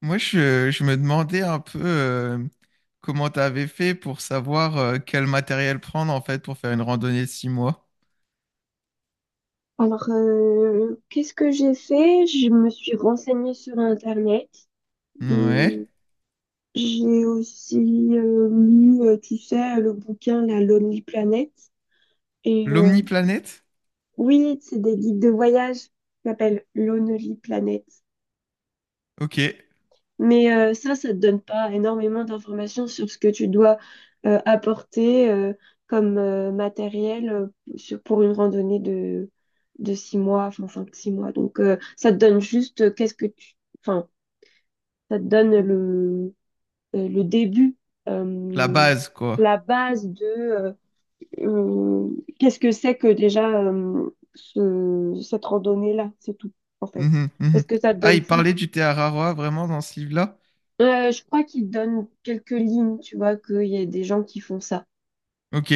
Moi, je me demandais un peu comment tu avais fait pour savoir quel matériel prendre en fait pour faire une randonnée de 6 mois. Alors, qu'est-ce que j'ai fait? Je me suis renseignée sur Internet. Ouais. Hum, j'ai aussi lu, tu sais, le bouquin La Lonely Planet. Et L'omniplanète? oui, c'est des guides de voyage qui s'appellent Lonely Planet. Ok. Mais ça te donne pas énormément d'informations sur ce que tu dois apporter comme matériel pour une randonnée de 6 mois, enfin 5, 6 mois. Donc ça te donne juste qu'est-ce que tu... Enfin, ça te donne le début, La euh, base, quoi. la base de euh, qu'est-ce que c'est que déjà cette randonnée-là, c'est tout, en fait. Mhm, mhm. Parce que ça te Ah, donne il plus... parlait du thé Araroa vraiment dans ce livre-là? Je crois qu'ils donnent quelques lignes, tu vois, qu'il y a des gens qui font ça. Ok.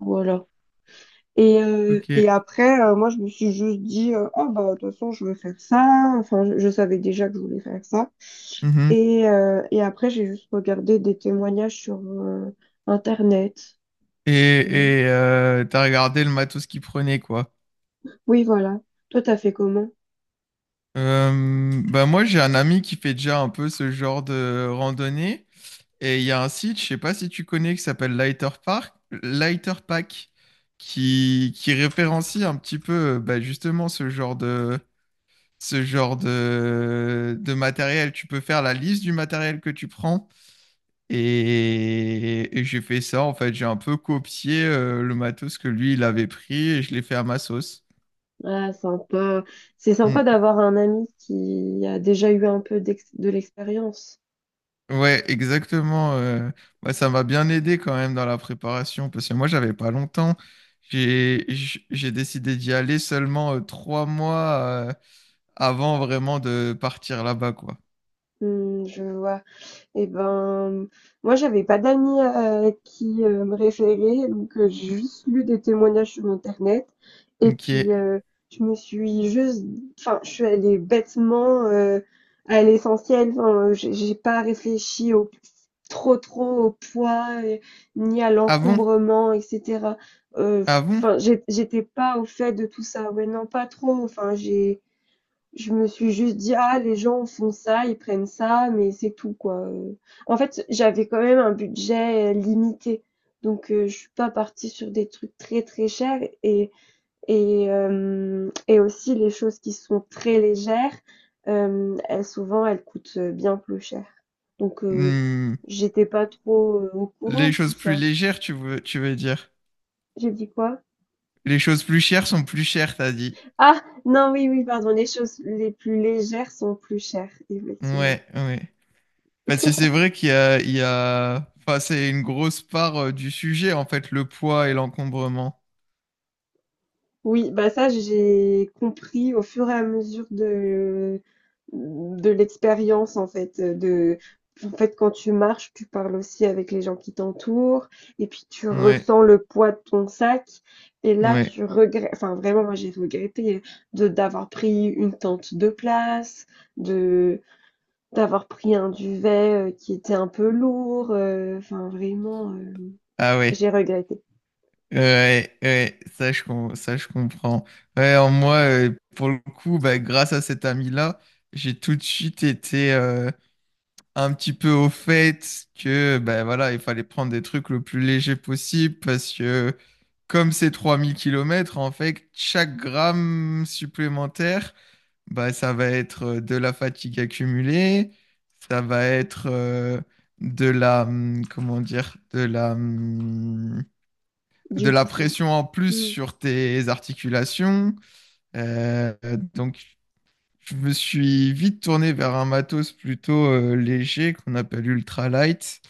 Voilà. Et, euh, Ok. et après, moi, je me suis juste dit, oh, bah, de toute façon, je veux faire ça. Enfin, je savais déjà que je voulais faire ça. Mhm. Et après, j'ai juste regardé des témoignages sur Internet. Voilà. T'as regardé le matos qu'il prenait, quoi. Oui, voilà. Toi, t'as fait comment? Bah moi, j'ai un ami qui fait déjà un peu ce genre de randonnée. Et il y a un site, je sais pas si tu connais, qui s'appelle Lighter Pack, qui référencie un petit peu bah, justement ce genre de, ce genre de matériel. Tu peux faire la liste du matériel que tu prends. Et j'ai fait ça, en fait, j'ai un peu copié le matos que lui, il avait pris et je l'ai fait à ma sauce. Ah, sympa. C'est sympa Mm. d'avoir un ami qui a déjà eu un peu de l'expérience. Ouais, exactement. Ça m'a bien aidé quand même dans la préparation parce que moi, j'avais pas longtemps. J'ai décidé d'y aller seulement 3 mois avant vraiment de partir là-bas, quoi. Je vois. Et ben, moi, j'avais pas d'amis qui me référaient, donc j'ai juste lu des témoignages sur Internet. Et Ok. puis, je me suis juste, enfin, je suis allée bêtement à l'essentiel. Enfin, j'ai pas réfléchi trop, trop au poids, ni à Ah bon? l'encombrement, etc. Euh, Ah bon? Enfin, j'étais pas au fait de tout ça. Ouais, non, pas trop. Enfin, j'ai je me suis juste dit: «Ah, les gens font ça, ils prennent ça, mais c'est tout, quoi». En fait, j'avais quand même un budget, limité, donc je suis pas partie sur des trucs très, très chers et aussi les choses qui sont très légères, elles souvent, elles coûtent, bien plus cher. Donc Hmm. j'étais pas trop, au courant Les de tout choses plus ça. légères, tu veux dire? J'ai dit quoi? Les choses plus chères sont plus chères, t'as dit. Ah! Non, oui, oui, pardon, les choses les plus légères sont plus chères, effectivement. Ouais, ouais. Parce que c'est vrai il y a... Enfin, c'est une grosse part du sujet, en fait, le poids et l'encombrement. Oui, bah ça j'ai compris au fur et à mesure de l'expérience, en fait. De En fait, quand tu marches, tu parles aussi avec les gens qui t'entourent, et puis tu Ouais. ressens le poids de ton sac, et là Ouais. tu regrettes, enfin, vraiment, moi j'ai regretté de d'avoir pris une tente de place, de d'avoir pris un duvet qui était un peu lourd, enfin, vraiment, Ah ouais, j'ai regretté. ouais, ouais, ça je comprends. Ouais, en moi, pour le coup, bah, grâce à cet ami-là, j'ai tout de suite été un petit peu au fait que bah, voilà, il fallait prendre des trucs le plus léger possible parce que comme c'est 3000 kilomètres en fait, chaque gramme supplémentaire, bah, ça va être de la fatigue accumulée, ça va être comment dire, de Du la coup. pression en plus Hmm. sur tes articulations. Euh, donc, je me suis vite tourné vers un matos plutôt léger qu'on appelle ultralight.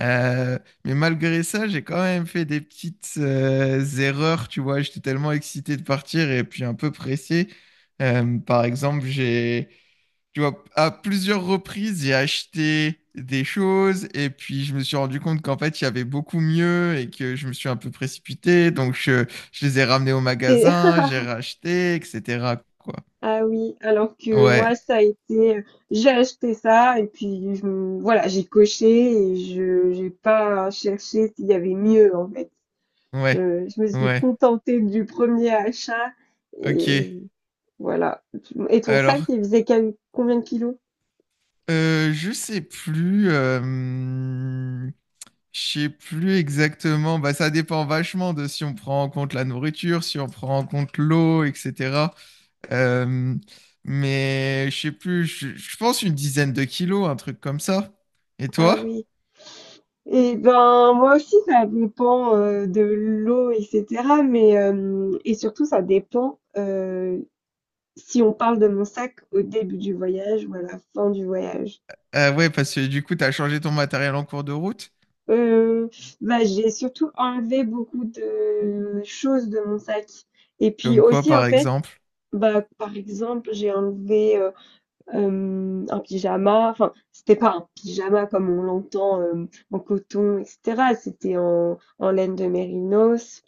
Euh, mais malgré ça, j'ai quand même fait des petites erreurs, tu vois. J'étais tellement excité de partir et puis un peu pressé. Par exemple, j'ai tu vois, à plusieurs reprises, j'ai acheté des choses et puis je me suis rendu compte qu'en fait, il y avait beaucoup mieux et que je me suis un peu précipité. Donc, je les ai ramenés au magasin, j'ai racheté, etc. quoi. Ah oui, alors que moi, Ouais, ça a été, j'ai acheté ça et puis voilà, j'ai coché et je j'ai pas cherché s'il y avait mieux en fait. ouais, Je me suis ouais. contentée du premier achat et Ok. voilà. Et ton sac, Alors, il faisait combien de kilos? Je sais plus. Je sais plus exactement. Bah, ça dépend vachement de si on prend en compte la nourriture, si on prend en compte l'eau, etc. Euh, mais je sais plus, je pense une dizaine de kilos, un truc comme ça. Et Ah toi? oui. Et ben moi aussi, ça dépend de l'eau, etc. Mais et surtout, ça dépend si on parle de mon sac au début du voyage ou à la fin du voyage. Ah ouais, parce que du coup, t'as changé ton matériel en cours de route. Heu, Bah, j'ai surtout enlevé beaucoup de choses de mon sac, et puis Comme quoi, aussi, en par fait, exemple? bah, par exemple, j'ai enlevé, un pyjama, enfin, c'était pas un pyjama comme on l'entend, en coton et cetera, c'était en laine de mérinos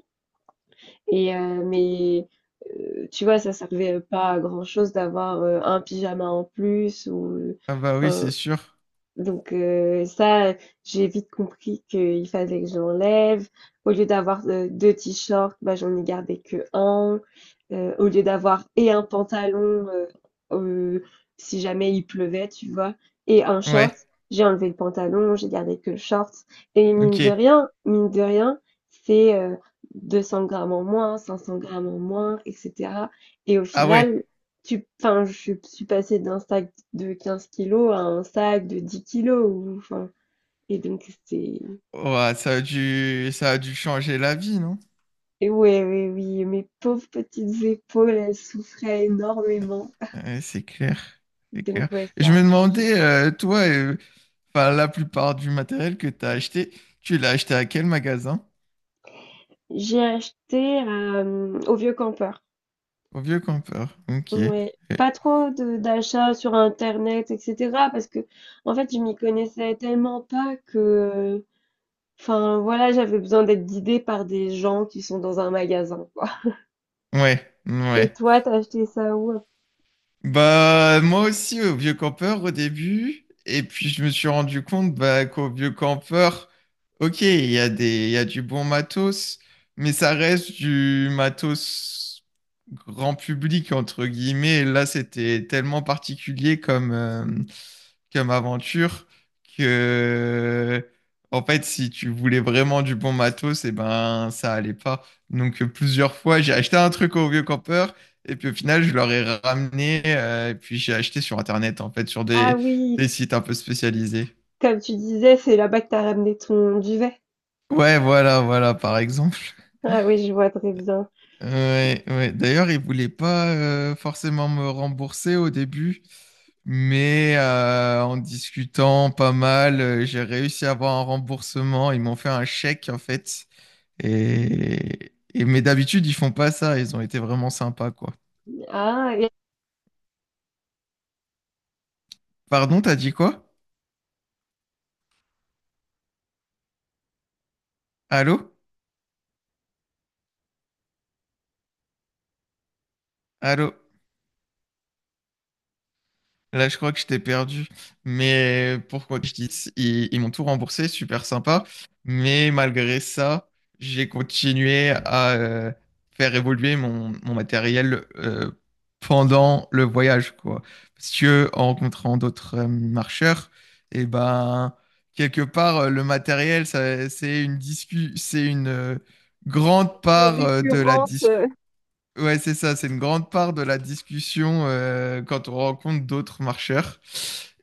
et mais, tu vois, ça servait pas à grand chose d'avoir, un pyjama en plus ou, Ah bah oui, c'est enfin, sûr. donc ça, j'ai vite compris qu'il fallait que je l'enlève. Au lieu d'avoir, 2 t-shirts, bah, j'en ai gardé qu'1. Au lieu d'avoir et un pantalon, heu heu, si jamais il pleuvait, tu vois? Et un short, Ouais, j'ai enlevé le pantalon, j'ai gardé que le short, et mine de ok. rien mine de rien, c'est, 200 grammes en moins, 500 grammes en moins et cetera, et au Ah ouais. final, tu enfin, je suis passée d'Instag de 15 kilos à un sac de 10 kilos. Ou, enfin, et donc, c'est. Ouah, ça a dû changer la vie, non? Et ouais, ouais, oui, mes pauvres petites épaules, elles souffraient énormément. Ouais, c'est clair, c'est Donc, clair. ouais, Et je ça a me changé. demandais, enfin, la plupart du matériel que t'as acheté, tu l'as acheté à quel magasin? J'ai acheté au Vieux Campeur. Au Vieux Campeur. Ok. Ouais. Pas trop d'achats sur Internet, etc. Parce que, en fait, je m'y connaissais tellement pas que. Enfin, voilà, j'avais besoin d'être guidée par des gens qui sont dans un magasin, quoi. ouais, Et ouais. toi, t'as acheté ça où? Bah, moi aussi, au vieux campeur au début. Et puis, je me suis rendu compte bah, qu'au vieux campeur, ok, il y a des, il y a du bon matos, mais ça reste du matos grand public, entre guillemets. Et là, c'était tellement particulier comme, comme aventure que, en fait, si tu voulais vraiment du bon matos, et ben, ça allait pas. Donc, plusieurs fois, j'ai acheté un truc au vieux campeur, et puis au final, je leur ai ramené, et puis j'ai acheté sur Internet, en fait, sur Ah oui, des sites un peu spécialisés. comme tu disais, c'est là-bas que tu as ramené ton duvet. Ouais, voilà, voilà, par exemple. Ah oui, je vois très bien. Ouais, ouais. D'ailleurs, ils voulaient pas forcément me rembourser au début, mais en discutant pas mal, j'ai réussi à avoir un remboursement. Ils m'ont fait un chèque en fait. Mais d'habitude, ils font pas ça. Ils ont été vraiment sympas, quoi. Ah, et... Pardon, t'as dit quoi? Allô? Allô? Là, je crois que je t'ai perdu. Mais pourquoi que je dis, ils m'ont tout remboursé, super sympa. Mais malgré ça, j'ai continué à faire évoluer mon matériel pendant le voyage, quoi. Parce que en rencontrant d'autres marcheurs, et ben quelque part, le matériel, c'est une discu, c'est une grande part de la discussion. Ouais, c'est ça, c'est une grande part de la discussion quand on rencontre d'autres marcheurs.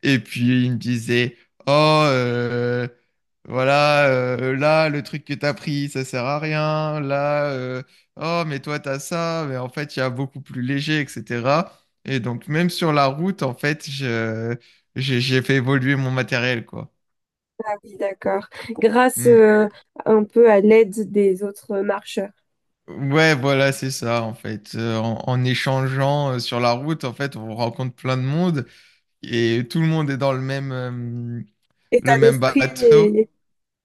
Et puis il me disait, oh, euh, voilà, là, le truc que t'as pris, ça sert à rien. Là, oh, mais toi, t'as ça, mais en fait, il y a beaucoup plus léger, etc. Et donc, même sur la route, en fait, j'ai fait évoluer mon matériel, quoi. Ah oui, d'accord. Grâce Mm. Un peu à l'aide des autres marcheurs. Ouais, voilà, c'est ça, en fait. En échangeant sur la route, en fait, on rencontre plein de monde. Et tout le monde est dans État le même d'esprit, bateau. et,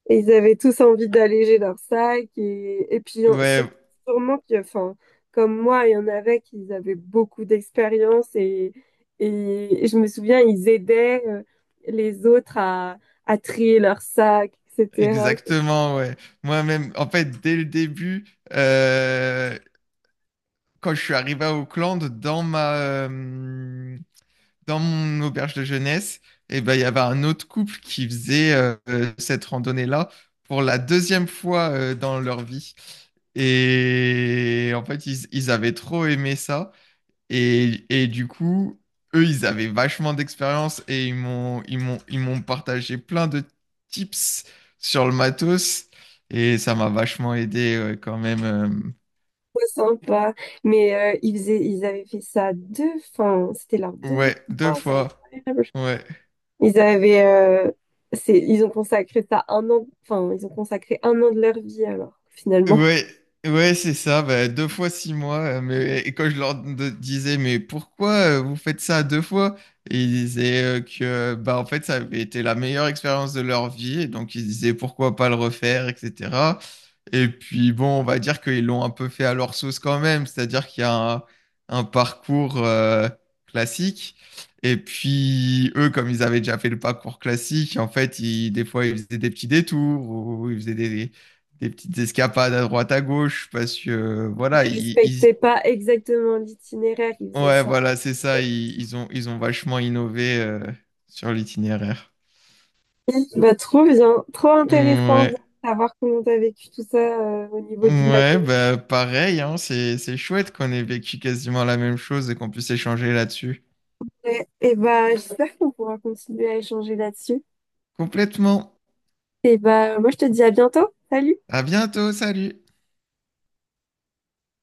et ils avaient tous envie d'alléger leur sac. Et puis Ouais, sûrement que, enfin, comme moi, il y en avait qui avaient beaucoup d'expérience et je me souviens, ils aidaient les autres à trier leur sac, etc. exactement, ouais. Moi-même, en fait, dès le début, euh, quand je suis arrivé à Auckland, dans dans mon auberge de jeunesse, et ben, il y avait un autre couple qui faisait cette randonnée-là pour la deuxième fois dans leur vie. Et en fait, ils avaient trop aimé ça. Et du coup, eux, ils avaient vachement d'expérience et ils m'ont partagé plein de tips sur le matos. Et ça m'a vachement aidé ouais, quand même. Euh, Trop sympa. Mais ils faisaient, ils avaient fait ça deux, enfin, c'était leur deuxième ouais, deux fois, c'est fois. incroyable. Ouais. Ils avaient, c'est, ils ont consacré ça un an, enfin, ils ont consacré un an de leur vie alors, finalement. Ouais, ouais, c'est ça, bah, deux fois 6 mois. Mais, et quand je disais, mais pourquoi vous faites ça deux fois? Et ils disaient que bah, en fait, ça avait été la meilleure expérience de leur vie. Et donc, ils disaient pourquoi pas le refaire, etc. Et puis, bon, on va dire qu'ils l'ont un peu fait à leur sauce quand même. C'est-à-dire qu'il y a un parcours classique. Et puis, eux, comme ils avaient déjà fait le parcours classique, en fait, des fois, ils faisaient des petits détours ou ils faisaient des petites escapades à droite à gauche parce que Ils respectaient pas exactement l'itinéraire, ils faisaient ouais, ça. voilà, c'est ça, ils ont vachement innové sur l'itinéraire. Bah, trop bien, trop intéressant de Ouais. savoir comment t'as vécu tout ça au niveau du Ouais, bah pareil, hein, c'est chouette qu'on ait vécu quasiment la même chose et qu'on puisse échanger là-dessus. matériel. Et bah, j'espère qu'on pourra continuer à échanger là-dessus. Complètement. Et bah, moi, je te dis à bientôt. Salut! À bientôt, salut.